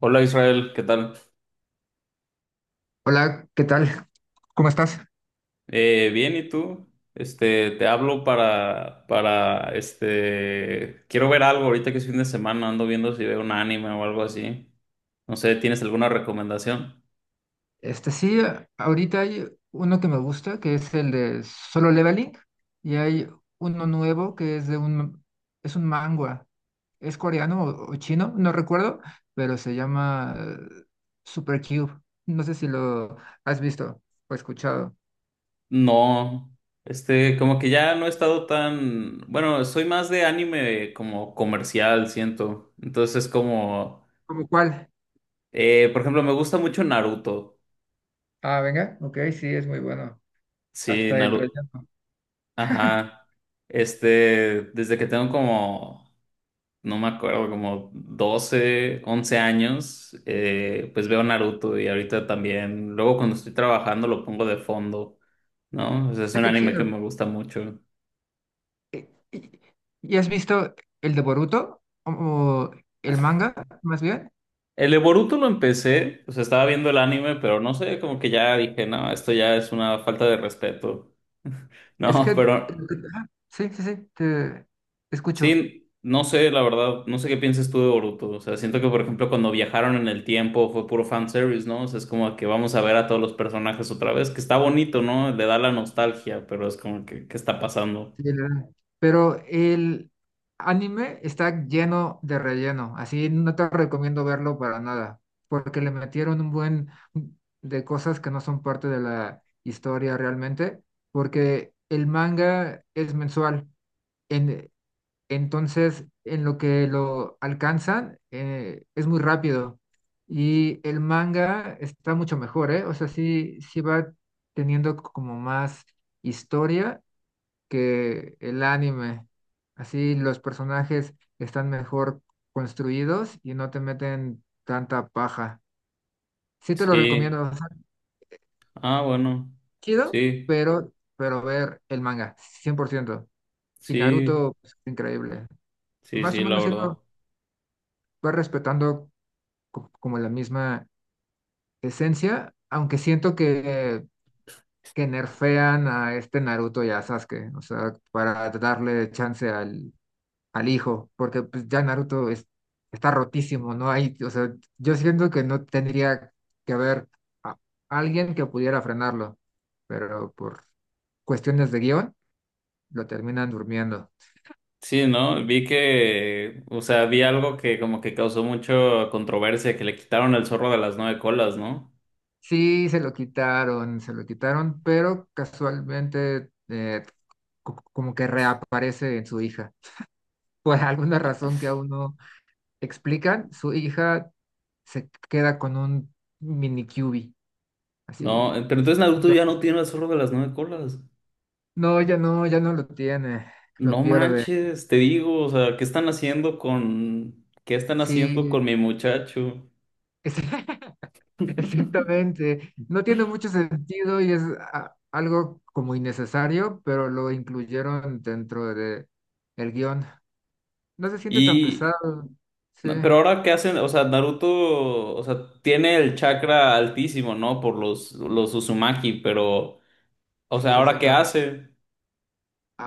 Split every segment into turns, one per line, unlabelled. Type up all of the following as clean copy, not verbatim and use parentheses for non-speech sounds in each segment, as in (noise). Hola Israel, ¿qué tal?
Hola, ¿qué tal? ¿Cómo estás?
Bien, ¿y tú? Te hablo quiero ver algo ahorita que es fin de semana, ando viendo si veo un anime o algo así. No sé, ¿tienes alguna recomendación?
Sí, ahorita hay uno que me gusta, que es el de Solo Leveling, y hay uno nuevo que es de un, es un manga, es coreano o chino, no recuerdo, pero se llama Super Cube. No sé si lo has visto o escuchado.
No, como que ya no he estado tan, bueno, soy más de anime como comercial, siento. Entonces, como,
¿Cómo cuál?
por ejemplo, me gusta mucho Naruto.
Ah, venga, ok, sí, es muy bueno.
Sí,
Hasta el
Naruto,
relleno.
ajá. Desde que tengo como no me acuerdo, como 12 11 años, pues veo Naruto y ahorita también, luego cuando estoy trabajando lo pongo de fondo, ¿no? O sea, es
Ah,
un
qué
anime que me
chido.
gusta mucho.
¿Y, y- y has visto el de Boruto? ¿O el manga, más bien?
El de Boruto lo empecé, o sea, estaba viendo el anime, pero no sé, como que ya dije, no, esto ya es una falta de respeto. (laughs)
Es
No,
que,
pero
ah, sí, sí, sí, te escucho.
sí, no sé, la verdad, no sé qué piensas tú de Boruto. O sea, siento que, por ejemplo, cuando viajaron en el tiempo fue puro fanservice, ¿no? O sea, es como que vamos a ver a todos los personajes otra vez, que está bonito, ¿no? Le da la nostalgia, pero es como que, ¿qué está pasando?
Sí, la verdad. Pero el anime está lleno de relleno, así no te recomiendo verlo para nada, porque le metieron un buen de cosas que no son parte de la historia realmente, porque el manga es mensual. En, Entonces, en lo que lo alcanzan, es muy rápido. Y el manga está mucho mejor, ¿eh? O sea, sí, sí va teniendo como más historia que el anime. Así los personajes están mejor construidos y no te meten tanta paja. Sí te lo
Sí,
recomiendo, o sea,
ah, bueno,
chido,
sí,
pero ver el manga, 100%. Y
sí,
Naruto es increíble.
sí,
Más o
sí, la
menos sí
verdad.
lo va respetando como la misma esencia, aunque siento que nerfean a este Naruto y a Sasuke, o sea, para darle chance al hijo, porque pues, ya está rotísimo, ¿no? Hay, o sea, yo siento que no tendría que haber a- alguien que pudiera frenarlo, pero por cuestiones de guión lo terminan durmiendo.
Sí, ¿no? O sea, vi algo que como que causó mucha controversia, que le quitaron el zorro de las nueve colas, ¿no?
Sí, se lo quitaron, pero casualmente como que reaparece en su hija, por alguna razón que aún no explican. Su hija se queda con un mini QB,
No,
así.
pero
Así.
entonces Naruto ya
Entonces,
no tiene el zorro de las nueve colas.
no, ya no, ya no lo tiene, lo
No
pierde.
manches, te digo, o sea, ¿ qué están haciendo
Sí,
con mi muchacho?
es- (laughs) exactamente. No tiene mucho sentido y es algo como innecesario, pero lo incluyeron dentro de el guión. No se siente tan
Y,
pesado. Sí,
no, pero ahora qué hacen, o sea, Naruto, o sea, tiene el chakra altísimo, ¿no? Por los Uzumaki, pero, o
sí,
sea, ¿ahora qué
exactamente.
hace?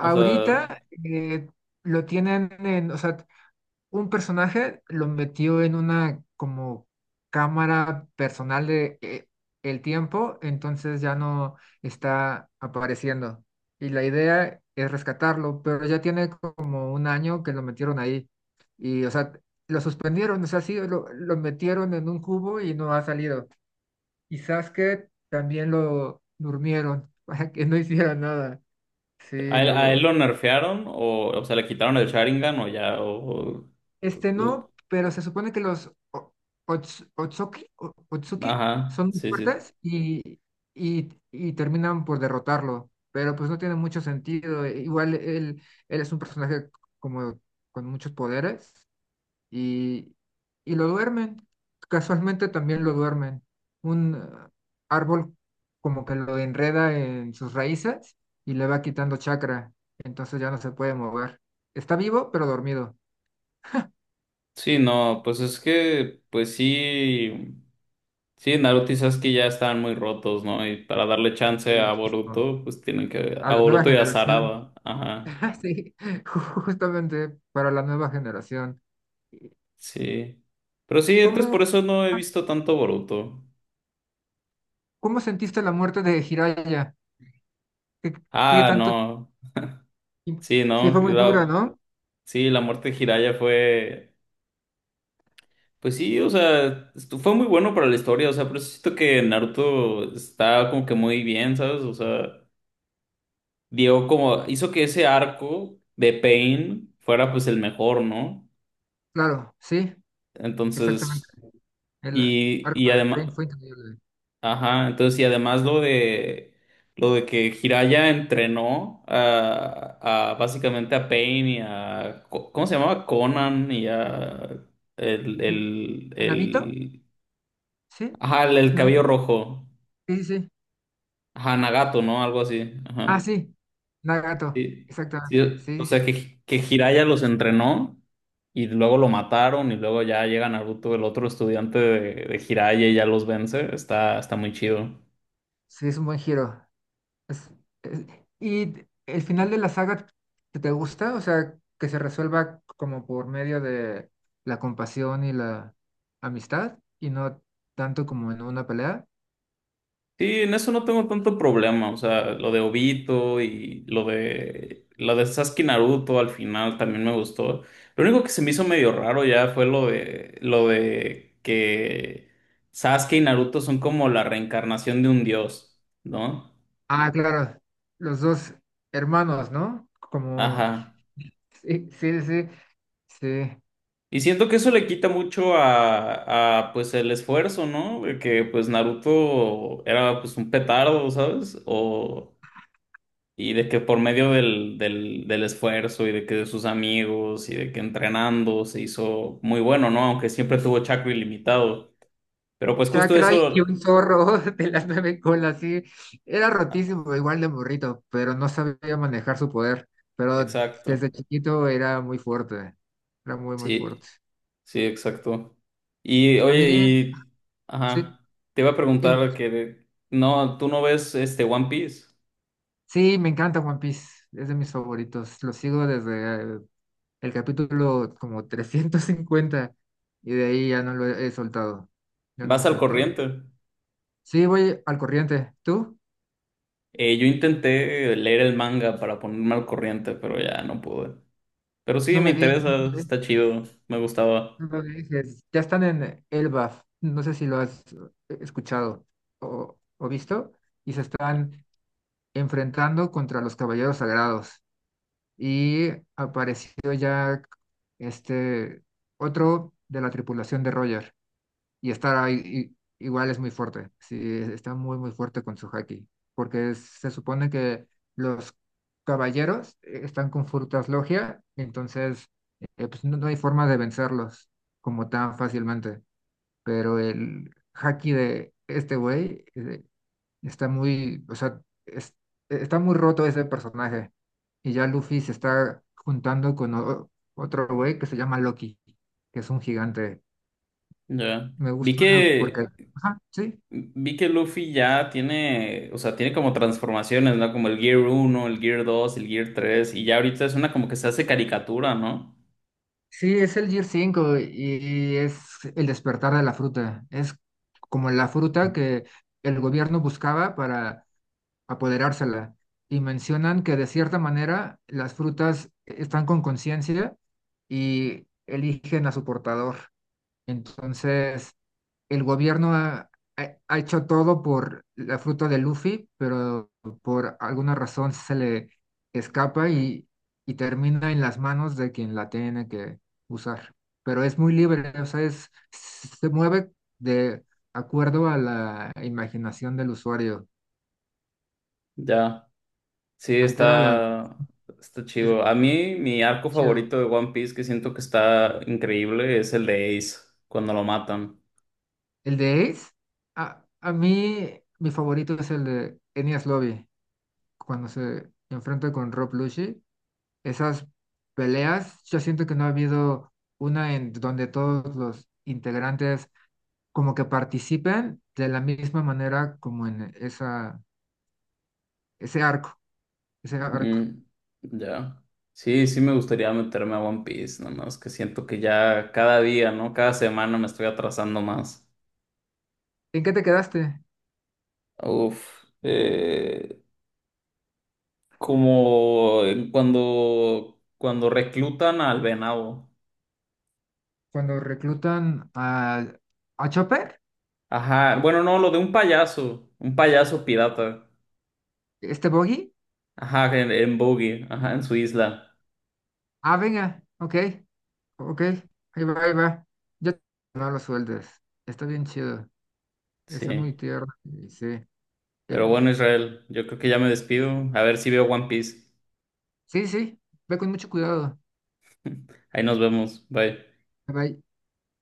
O sea,
eh, lo tienen en, o sea, un personaje lo metió en una como cámara personal de el tiempo, entonces ya no está apareciendo. Y la idea es rescatarlo, pero ya tiene como un año que lo metieron ahí. Y, o sea, lo suspendieron, o sea, sí, lo metieron en un cubo y no ha salido. Y Sasuke también lo durmieron (laughs) para que no hiciera nada. Sí,
¿a él
lo.
lo nerfearon o sea, le quitaron el Sharingan o ya,
Este
o-
no, pero se supone que los Otsuki, Otsuki
ajá,
son muy
sí, sí.
fuertes y terminan por derrotarlo, pero pues no tiene mucho sentido. Igual él, él es un personaje como con muchos poderes y, y lo duermen. Casualmente también lo duermen. Un árbol como que lo enreda en sus raíces y le va quitando chakra, entonces ya no se puede mover. Está vivo, pero dormido.
Sí, no, pues es que, pues sí. Sí, Naruto y Sasuke ya estaban muy rotos, ¿no? Y para darle
Sí,
chance a
muchísimo,
Boruto, pues tienen que...
a
A
la nueva
Boruto y a
generación.
Sarada. Ajá,
(laughs) Sí, justamente para la nueva generación.
sí. Pero sí, entonces por
¿Cómo,
eso no he
ah,
visto tanto Boruto.
cómo sentiste la muerte de Jiraiya? ¿Qué, qué
Ah,
tanto
no.
tiempo?
Sí,
Sí,
¿no?
fue muy dura, ¿no?
Sí, la muerte de Jiraiya fue... Pues sí, o sea, fue muy bueno para la historia, o sea, pero siento que Naruto está como que muy bien, ¿sabes? O sea, dio como... Hizo que ese arco de Pain fuera pues el mejor, ¿no?
Claro, sí,
Entonces...
exactamente. El
Y
arco de
además,
Pain fue increíble.
ajá, entonces, y además lo de que Jiraiya entrenó a básicamente a Pain y a ¿cómo se llamaba? Conan y a
N- ¿Nabito?
el
Sí,
ajá, el
no
cabello
sé
rojo.
si- sí, sí. Sí.
Ajá, Nagato, ¿no? Algo así. Ajá.
Ah, sí, Nagato,
Sí, sí,
exactamente.
o
Sí, sí,
sea que Jiraiya los entrenó y luego lo mataron y luego ya llega Naruto, el otro estudiante de Jiraiya y ya los vence. Está muy chido.
sí, es un buen giro. Es- es- ¿Y el final de la saga te, te gusta? O sea, que se resuelva como por medio de la compasión y la amistad y no tanto como en una pelea.
Sí, en eso no tengo tanto problema, o sea, lo de Obito y lo de Sasuke y Naruto al final también me gustó. Lo único que se me hizo medio raro ya fue lo de que Sasuke y Naruto son como la reencarnación de un dios, ¿no?
Ah, claro, los dos hermanos, ¿no? Como,
Ajá.
sí, sí, sí, sí.
Y siento que eso le quita mucho a, pues el esfuerzo, ¿no? De que pues Naruto era pues un petardo, ¿sabes? O Y de que por medio del esfuerzo y de que de sus amigos y de que entrenando se hizo muy bueno, ¿no? Aunque siempre tuvo chakra ilimitado. Pero pues justo
Chakra y
eso.
un zorro (laughs) de las nueve colas, sí. Era
ah,
rotísimo, igual de burrito, pero no sabía manejar su poder. Pero
Exacto.
desde chiquito era muy fuerte, era muy, muy fuerte.
Sí, sí, exacto. Y
A mí,
oye.
sí,
Ajá. Te iba a
el-
preguntar que. De- No, tú no ves One Piece.
sí, me encanta One Piece, es de mis favoritos. Lo sigo desde el capítulo como (laughs) 350 y de ahí ya no lo he soltado. Ya no lo he
Vas al
soltado.
corriente.
Sí, voy al corriente. ¿Tú?
Yo intenté leer el manga para ponerme al corriente, pero ya no pude. Pero sí,
No
me
me digas,
interesa,
no me
está
dejes,
chido, me gustaba.
no me dejes. Ya están en Elbaf, no sé si lo has escuchado o visto, y se están enfrentando contra los Caballeros Sagrados, y apareció ya este otro de la tripulación de Roger y está ahí igual es muy fuerte, sí, está muy muy fuerte con su haki, porque se supone que los caballeros están con frutas logia, entonces pues no, no hay forma de vencerlos como tan fácilmente, pero el haki de este güey está muy, o sea, es- está muy roto ese personaje. Y ya Luffy se está juntando con otro güey que se llama Loki, que es un gigante.
Ya.
Me
Vi
gusta porque,
que
ajá, sí,
vi que Luffy ya tiene, o sea, tiene como transformaciones, ¿no? Como el Gear 1, el Gear 2, el Gear 3, y ya ahorita es una como que se hace caricatura, ¿no?
sí, es el Gear 5 y es el despertar de la fruta. Es como la fruta que el gobierno buscaba para apoderársela. Y mencionan que de cierta manera las frutas están con conciencia y eligen a su portador. Entonces, el gobierno ha hecho todo por la fruta de Luffy, pero por alguna razón se le escapa y termina en las manos de quien la tiene que usar. Pero es muy libre, o sea, se mueve de acuerdo a la imaginación del usuario.
Ya. Sí,
Altera la...
está
Es
chido. A mí mi arco
chido.
favorito de One Piece que siento que está increíble es el de Ace cuando lo matan.
El de Ace, a mí mi favorito es el de Enies Lobby, cuando se enfrenta con Rob Lucci, esas peleas, yo siento que no ha habido una en donde todos los integrantes como que participen de la misma manera como en esa, ese arco, ese arco.
Mm, ya. Sí, sí me gustaría meterme a One Piece, nada más que siento que ya cada día, ¿no? Cada semana me estoy atrasando más.
¿En qué te quedaste?
Uf, como en cuando reclutan al venado.
Cuando reclutan a Chopper,
Ajá, bueno, no, lo de un payaso pirata.
este Boggy.
Ajá, en, Boggy, ajá, en su isla.
Ah, venga, ok, ok, ahí va, ahí va. Yo no lo sueldes. Está bien chido. Está
Sí.
muy tierno. Y sí,
Pero bueno,
el...
Israel, yo creo que ya me despido. A ver si veo One Piece.
Sí, sí, ve con mucho cuidado.
Ahí nos vemos. Bye.
Bye.